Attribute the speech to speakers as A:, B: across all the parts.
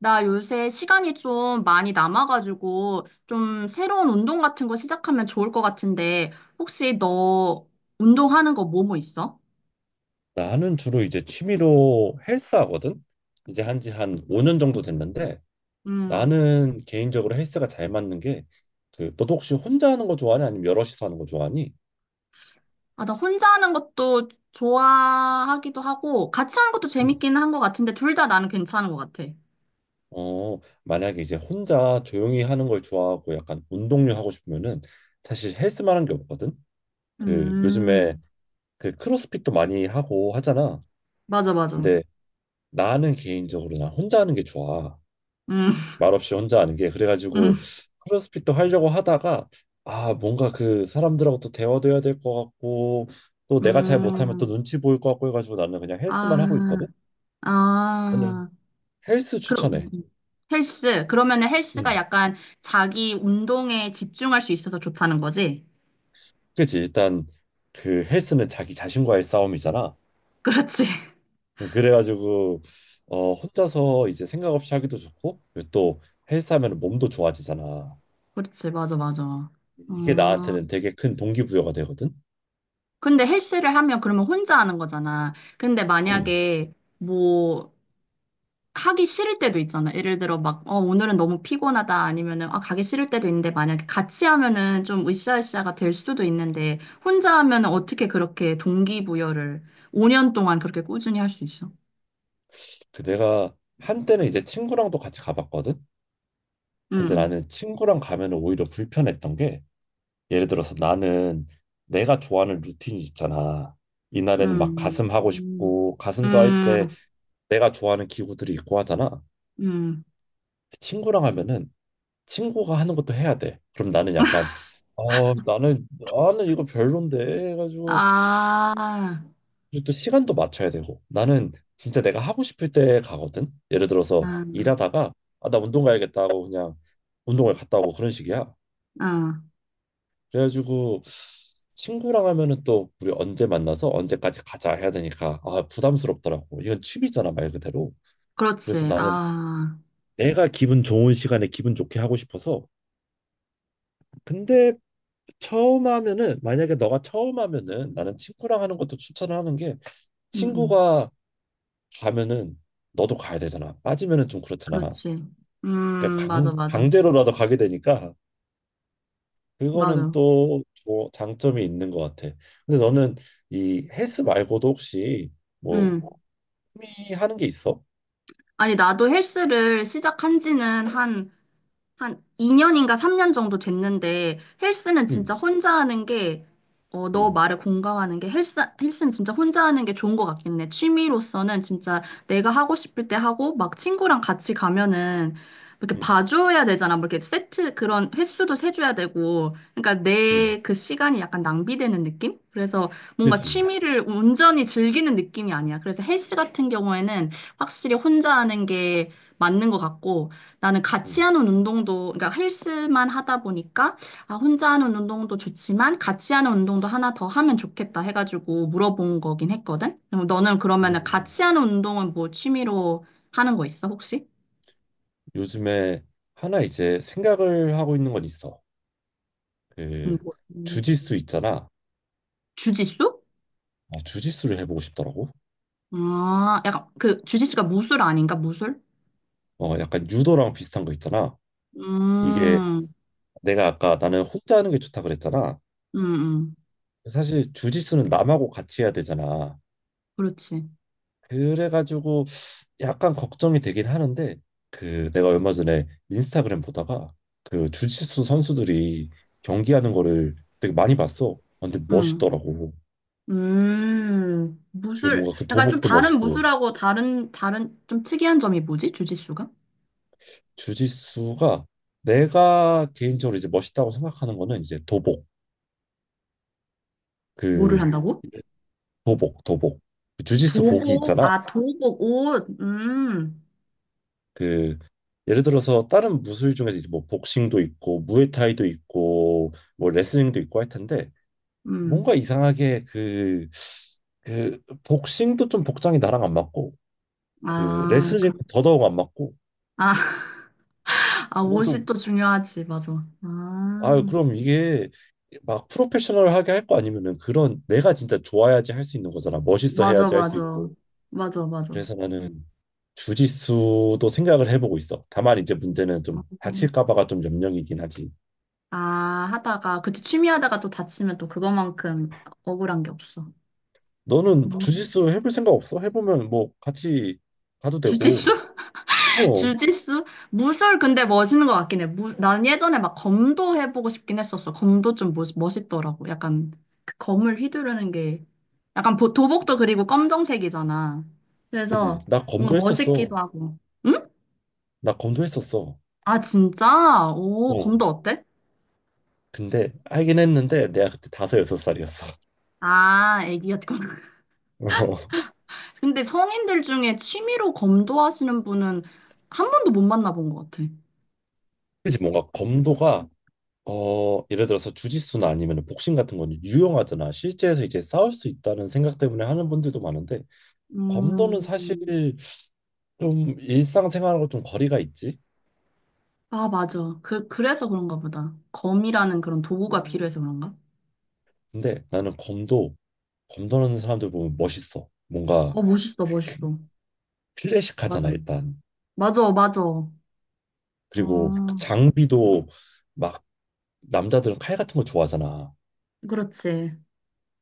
A: 나 요새 시간이 좀 많이 남아가지고 좀 새로운 운동 같은 거 시작하면 좋을 것 같은데 혹시 너 운동하는 거 뭐뭐 있어?
B: 나는 주로 이제 취미로 헬스 하거든. 이제 한지 한 5년 정도 됐는데
A: 음,
B: 나는 개인적으로 헬스가 잘 맞는 게 그 너도 혹시 혼자 하는 거 좋아하니 아니면 여럿이서 하는 거 좋아하니?
A: 아, 나 혼자 하는 것도 좋아하기도 하고 같이 하는 것도
B: 응.
A: 재밌기는 한 것 같은데 둘 다 나는 괜찮은 것 같아.
B: 어, 만약에 이제 혼자 조용히 하는 걸 좋아하고 약간 운동류 하고 싶으면은 사실 헬스만한 게 없거든. 그 요즘에
A: 음,
B: 그 크로스핏도 많이 하고 하잖아.
A: 맞아, 맞아.
B: 근데 나는 개인적으로 난 혼자 하는 게 좋아.
A: 음,
B: 말없이 혼자 하는 게
A: 음,
B: 그래가지고 크로스핏도 하려고 하다가 아 뭔가 그 사람들하고 또 대화도 해야 될 것 같고 또 내가 잘 못하면 또
A: 음,
B: 눈치 보일 것 같고 해가지고 나는 그냥 헬스만 하고 있거든.
A: 아,
B: 오늘
A: 아.
B: 헬스
A: 그럼
B: 추천해.
A: 헬스. 그러면은 헬스가
B: 음,
A: 약간 자기 운동에 집중할 수 있어서 좋다는 거지?
B: 그치 일단 그 헬스는 자기 자신과의 싸움이잖아.
A: 그렇지.
B: 그래가지고 혼자서 이제 생각 없이 하기도 좋고 그리고 또 헬스하면 몸도 좋아지잖아.
A: 그렇지. 맞아, 맞아.
B: 이게
A: 아,
B: 나한테는 되게 큰 동기부여가 되거든.
A: 근데 헬스를 하면 그러면 혼자 하는 거잖아. 근데
B: 음.
A: 만약에 뭐 하기 싫을 때도 있잖아. 예를 들어 막, 어, 오늘은 너무 피곤하다. 아니면은, 아, 가기 싫을 때도 있는데 만약에 같이 하면은 좀 으쌰으쌰가 될 수도 있는데 혼자 하면은 어떻게 그렇게 동기부여를 5년 동안 그렇게 꾸준히 할 수 있어?
B: 그 내가 한때는 이제 친구랑도 같이 가봤거든.
A: 응.
B: 근데
A: 응.
B: 나는 친구랑 가면은 오히려 불편했던 게 예를 들어서 나는 내가 좋아하는 루틴이 있잖아. 이날에는 막
A: 음,
B: 가슴 하고
A: 음,
B: 싶고 가슴도 할 때
A: 음,
B: 내가 좋아하는 기구들이 있고 하잖아.
A: 음.
B: 친구랑 하면은 친구가 하는 것도 해야 돼. 그럼 나는 약간 나는 이거 별론데 해가지고
A: 아,
B: 그리고 또 시간도 맞춰야 되고 나는 진짜 내가 하고 싶을 때 가거든. 예를 들어서
A: 아,
B: 일하다가 아, 나 운동 가야겠다 하고 그냥 운동을 갔다 오고 그런 식이야.
A: 아,
B: 그래가지고 친구랑 하면은 또 우리 언제 만나서 언제까지 가자 해야 되니까 아 부담스럽더라고. 이건 취미잖아 말 그대로. 그래서
A: 그렇지.
B: 나는
A: 아,
B: 내가 기분 좋은 시간에 기분 좋게 하고 싶어서. 근데 처음 하면은 만약에 너가 처음 하면은 나는 친구랑 하는 것도 추천을 하는 게
A: 음, 음.
B: 친구가 가면은 너도 가야 되잖아. 빠지면은 좀 그렇잖아.
A: 그렇지.
B: 그러니까
A: 맞아, 맞아,
B: 강제로라도 가게 되니까 그거는
A: 맞아.
B: 또 뭐 장점이 있는 것 같아. 근데 너는 이 헬스 말고도 혹시 뭐
A: 음.
B: 취미 하는 게 있어?
A: 아니, 나도 헬스를 시작한 지는 한 한 2년인가 3년 정도 됐는데 헬스는
B: 응,
A: 진짜 혼자 하는 게, 어, 너
B: 응,
A: 말에 공감하는 게 헬스는 진짜 혼자 하는 게 좋은 것 같긴 해. 취미로서는 진짜 내가 하고 싶을 때 하고 막 친구랑 같이 가면은 이렇게
B: 응,
A: 봐줘야 되잖아. 뭐 이렇게 세트 그런 횟수도 세줘야 되고. 그러니까
B: 응.
A: 내 그 시간이 약간 낭비되는 느낌? 그래서 뭔가
B: 그치.
A: 취미를 온전히 즐기는 느낌이 아니야. 그래서 헬스 같은 경우에는 확실히 혼자 하는 게 맞는 것 같고. 나는
B: 응.
A: 같이 하는 운동도, 그러니까 헬스만 하다 보니까, 아, 혼자 하는 운동도 좋지만, 같이 하는 운동도 하나 더 하면 좋겠다 해가지고 물어본 거긴 했거든? 그럼 너는 그러면은
B: 음,
A: 같이 하는 운동은 뭐 취미로 하는 거 있어, 혹시?
B: 요즘에 하나 이제 생각을 하고 있는 건 있어. 그
A: 뭐,
B: 주짓수 있잖아.
A: 주짓수?
B: 주짓수를 해보고 싶더라고.
A: 아, 약간 그 주짓수가 무술 아닌가? 무술?
B: 약간 유도랑 비슷한 거 있잖아. 이게
A: 음,
B: 내가 아까 나는 혼자 하는 게 좋다 그랬잖아.
A: 음, 음,
B: 사실 주짓수는 남하고 같이 해야 되잖아.
A: 그렇지.
B: 그래가지고 약간 걱정이 되긴 하는데 그 내가 얼마 전에 인스타그램 보다가 그 주짓수 선수들이 경기하는 거를 되게 많이 봤어. 아, 근데
A: 음,
B: 멋있더라고. 그
A: 무술.
B: 뭔가 그
A: 약간 좀
B: 도복도
A: 다른
B: 멋있고
A: 무술하고 다른, 좀 특이한 점이 뭐지? 주짓수가?
B: 주짓수가 내가 개인적으로 이제 멋있다고 생각하는 거는 이제 도복
A: 뭐를
B: 그
A: 한다고?
B: 도복 그 주짓수 복이
A: 도복,
B: 있잖아.
A: 아, 도복, 옷,
B: 그 예를 들어서 다른 무술 중에서 이제 뭐 복싱도 있고 무에타이도 있고 뭐 레슬링도 있고 할 텐데 뭔가
A: 음.
B: 이상하게 그 복싱도 좀 복장이 나랑 안 맞고 그
A: 아,
B: 레슬링은
A: 그,
B: 더더욱 안 맞고
A: 아, 아,
B: 뭐
A: 옷이
B: 좀
A: 또 중요하지, 맞아.
B: 아
A: 아,
B: 그럼 이게 막 프로페셔널하게 할 거 아니면은 그런 내가 진짜 좋아야지 할 수 있는 거잖아 멋있어
A: 맞아,
B: 해야지 할 수
A: 맞아.
B: 있고
A: 맞아, 맞아.
B: 그래서 나는 주짓수도 생각을 해보고 있어. 다만 이제 문제는 좀
A: 음.
B: 다칠까 봐가 좀 염려이긴 하지.
A: 아, 하다가, 그치, 취미 하다가 또 다치면 또 그것만큼 억울한 게 없어.
B: 너는
A: 음.
B: 주짓수 해볼 생각 없어? 해보면 뭐 같이 가도 되고
A: 주짓수?
B: 어
A: 주짓수? 무술 근데 멋있는 것 같긴 해. 무, 난 예전에 막 검도 해보고 싶긴 했었어. 검도 좀 멋, 멋있더라고. 약간 그 검을 휘두르는 게 약간 도복도 그리고 검정색이잖아.
B: 그지
A: 그래서
B: 나
A: 뭔가
B: 검도 했었어.
A: 멋있기도 하고. 응?
B: 나 검도 했었어.
A: 아, 진짜? 오,
B: 어.
A: 검도 어때?
B: 근데 알긴 했는데 내가 그때 다섯 여섯 살이었어.
A: 아, 애기 같구나.
B: 어.
A: 근데 성인들 중에 취미로 검도 하시는 분은 한 번도 못 만나본 것 같아.
B: 그치 뭔가 검도가 예를 들어서 주짓수나 아니면 복싱 같은 건 유용하잖아. 실제에서 이제 싸울 수 있다는 생각 때문에 하는 분들도 많은데 검도는
A: 음,
B: 사실
A: 음.
B: 좀 일상생활하고 좀 거리가 있지.
A: 아, 맞아. 그, 그래서 그런가 보다. 검이라는 그런 도구가 필요해서 그런가?
B: 근데 나는 검도하는 사람들 보면 멋있어. 뭔가
A: 어, 멋있어, 멋있어. 맞아.
B: 클래식하잖아 일단.
A: 맞아, 맞아. 아,
B: 그리고 그 장비도 막 남자들은 칼 같은 거 좋아하잖아.
A: 그렇지.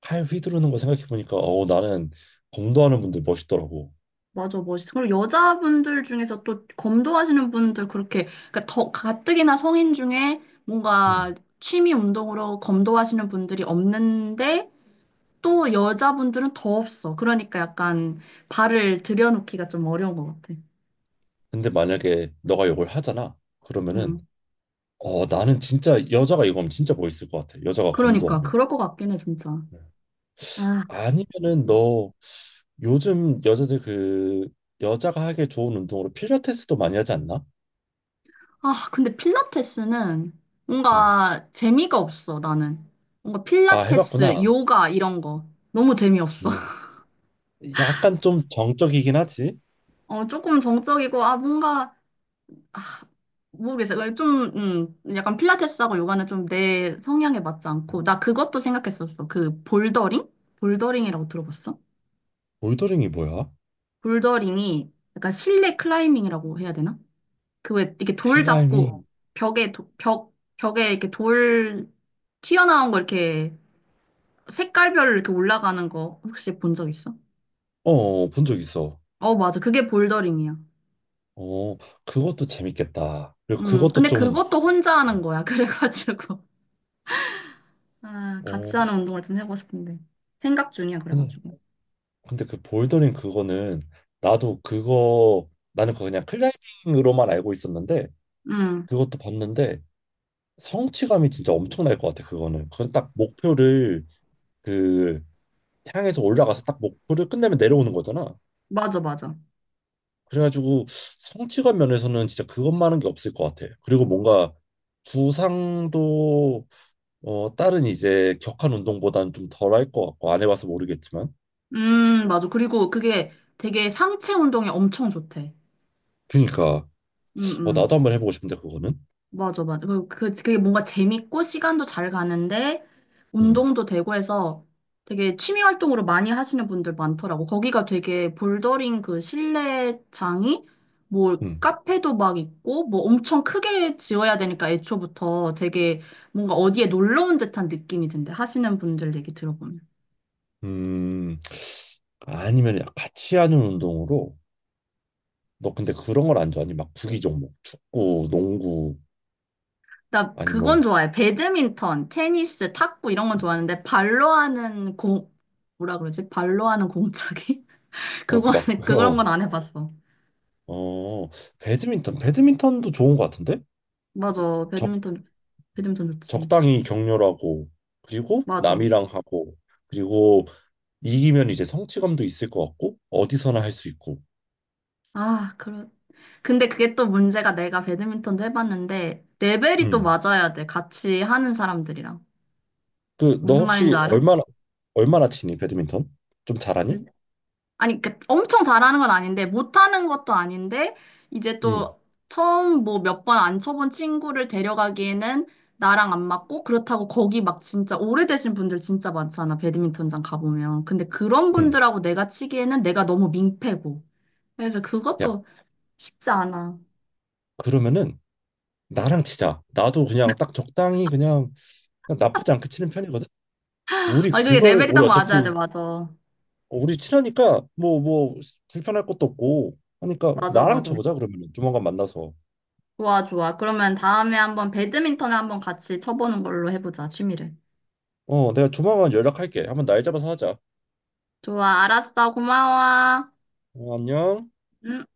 B: 칼 휘두르는 거 생각해 보니까 나는 검도 하는 분들 멋있더라고.
A: 맞아, 멋있어. 그리고 여자분들 중에서 또 검도하시는 분들 그렇게, 그러니까 더 가뜩이나 성인 중에
B: 음.
A: 뭔가 취미 운동으로 검도하시는 분들이 없는데 또 여자분들은 더 없어. 그러니까 약간 발을 들여놓기가 좀 어려운 것 같아.
B: 근데 만약에 너가 이걸 하잖아. 그러면은
A: 음,
B: 나는 진짜 여자가 이거 하면 진짜 멋있을 것 같아. 여자가 검도
A: 그러니까.
B: 하면.
A: 그럴 것 같긴 해, 진짜.
B: 네.
A: 아.
B: 아니면은
A: 음.
B: 너 요즘 여자들 그 여자가 하기 좋은 운동으로 필라테스도 많이 하지 않나?
A: 아, 근데 필라테스는
B: 응.
A: 뭔가 재미가 없어, 나는. 뭔가
B: 아
A: 필라테스,
B: 해봤구나.
A: 요가 이런 거 너무 재미없어.
B: 응. 약간 좀 정적이긴 하지.
A: 어, 조금 정적이고, 아, 뭔가, 아, 모르겠어. 그냥 좀, 약간 필라테스하고 요가는 좀 내 성향에 맞지 않고, 나 그것도 생각했었어. 그 볼더링? 볼더링이라고 들어봤어?
B: 볼더링이 뭐야?
A: 볼더링이 약간 실내 클라이밍이라고 해야 되나? 그 왜 이렇게 돌
B: 클라이밍.
A: 잡고 벽에, 도- 벽, 벽에 이렇게 돌 튀어나온 거 이렇게 색깔별로 이렇게 올라가는 거 혹시 본 적 있어?
B: 어, 본 적 있어.
A: 어, 맞아. 그게 볼더링이야.
B: 어, 그것도 재밌겠다. 그리고 그것도
A: 근데
B: 좀
A: 그것도 혼자 하는
B: 어,
A: 거야. 그래가지고. 아,
B: 어,
A: 같이 하는 운동을 좀 해보고 싶은데. 생각 중이야,
B: 근데,
A: 그래가지고.
B: 근데 그 볼더링 그거는 나도 그거 나는 그거 그냥 클라이밍으로만 알고 있었는데
A: 음,
B: 그것도 봤는데 성취감이 진짜 엄청날 것 같아. 그거는 그건 딱 목표를 그 향해서 올라가서 딱 목표를 끝내면 내려오는 거잖아.
A: 맞아, 맞아.
B: 그래가지고 성취감 면에서는 진짜 그것만한 게 없을 것 같아. 그리고 뭔가 부상도 다른 이제 격한 운동보다는 좀 덜할 것 같고 안 해봐서 모르겠지만
A: 맞아. 그리고 그게 되게 상체 운동에 엄청 좋대.
B: 그니까
A: 음,
B: 나도
A: 음.
B: 한번 해보고 싶은데 그거는
A: 맞아, 맞아. 그리고 그, 그게 뭔가 재밌고 시간도 잘 가는데
B: 음,
A: 운동도 되고 해서 되게 취미 활동으로 많이 하시는 분들 많더라고. 거기가 되게 볼더링 그 실내장이 뭐
B: 음,
A: 카페도 막 있고 뭐 엄청 크게 지어야 되니까 애초부터 되게 뭔가 어디에 놀러 온 듯한 느낌이 든대. 하시는 분들 얘기 들어보면.
B: 음. 아니면 같이 하는 운동으로 너 근데 그런 걸 안 좋아하니? 막 구기 종목, 축구, 농구
A: 나
B: 아니
A: 그건
B: 뭐
A: 좋아해. 배드민턴, 테니스, 탁구 이런 건 좋아하는데 발로 하는 공, 뭐라 그러지? 발로 하는 공차기? 그거,
B: 그 막, 어,
A: 그런 건 안 해봤어.
B: 어, 배드민턴, 배드민턴도 좋은 것 같은데?
A: 맞아.
B: 적,
A: 배드민턴, 배드민턴 좋지.
B: 적당히 격렬하고, 그리고
A: 맞아.
B: 남이랑 하고, 그리고 이기면 이제 성취감도 있을 것 같고, 어디서나 할 수 있고.
A: 아, 그래. 근데 그게 또 문제가 내가 배드민턴도 해봤는데, 레벨이 또
B: 음.
A: 맞아야 돼. 같이 하는 사람들이랑.
B: 그, 너
A: 무슨 말인지
B: 혹시
A: 알아?
B: 얼마나, 치니, 배드민턴? 좀 잘하니?
A: 그- 아니, 그 엄청 잘하는 건 아닌데, 못하는 것도 아닌데, 이제
B: 음.
A: 또 처음 뭐 몇 번 안 쳐본 친구를 데려가기에는 나랑 안 맞고, 그렇다고 거기 막 진짜 오래되신 분들 진짜 많잖아. 배드민턴장 가보면. 근데 그런
B: 음.
A: 분들하고 내가 치기에는 내가 너무 민폐고. 그래서
B: 야,
A: 그것도 쉽지 않아.
B: 그러면은 나랑 치자. 나도 그냥 딱 적당히 그냥, 나쁘지 않게 치는 편이거든.
A: 아, 이게 레벨이 딱
B: 우리
A: 맞아야 돼,
B: 어차피
A: 맞아.
B: 우리 친하니까 뭐 불편할 것도 없고 하니까
A: 맞아,
B: 나랑
A: 맞아.
B: 쳐보자 그러면 조만간 만나서.
A: 좋아, 좋아. 그러면 다음에 한번 배드민턴을 한번 같이 쳐보는 걸로 해보자, 취미를.
B: 어, 내가 조만간 연락할게. 한번 날 잡아서 하자.
A: 좋아, 알았어. 고마워.
B: 어, 안녕.
A: 음.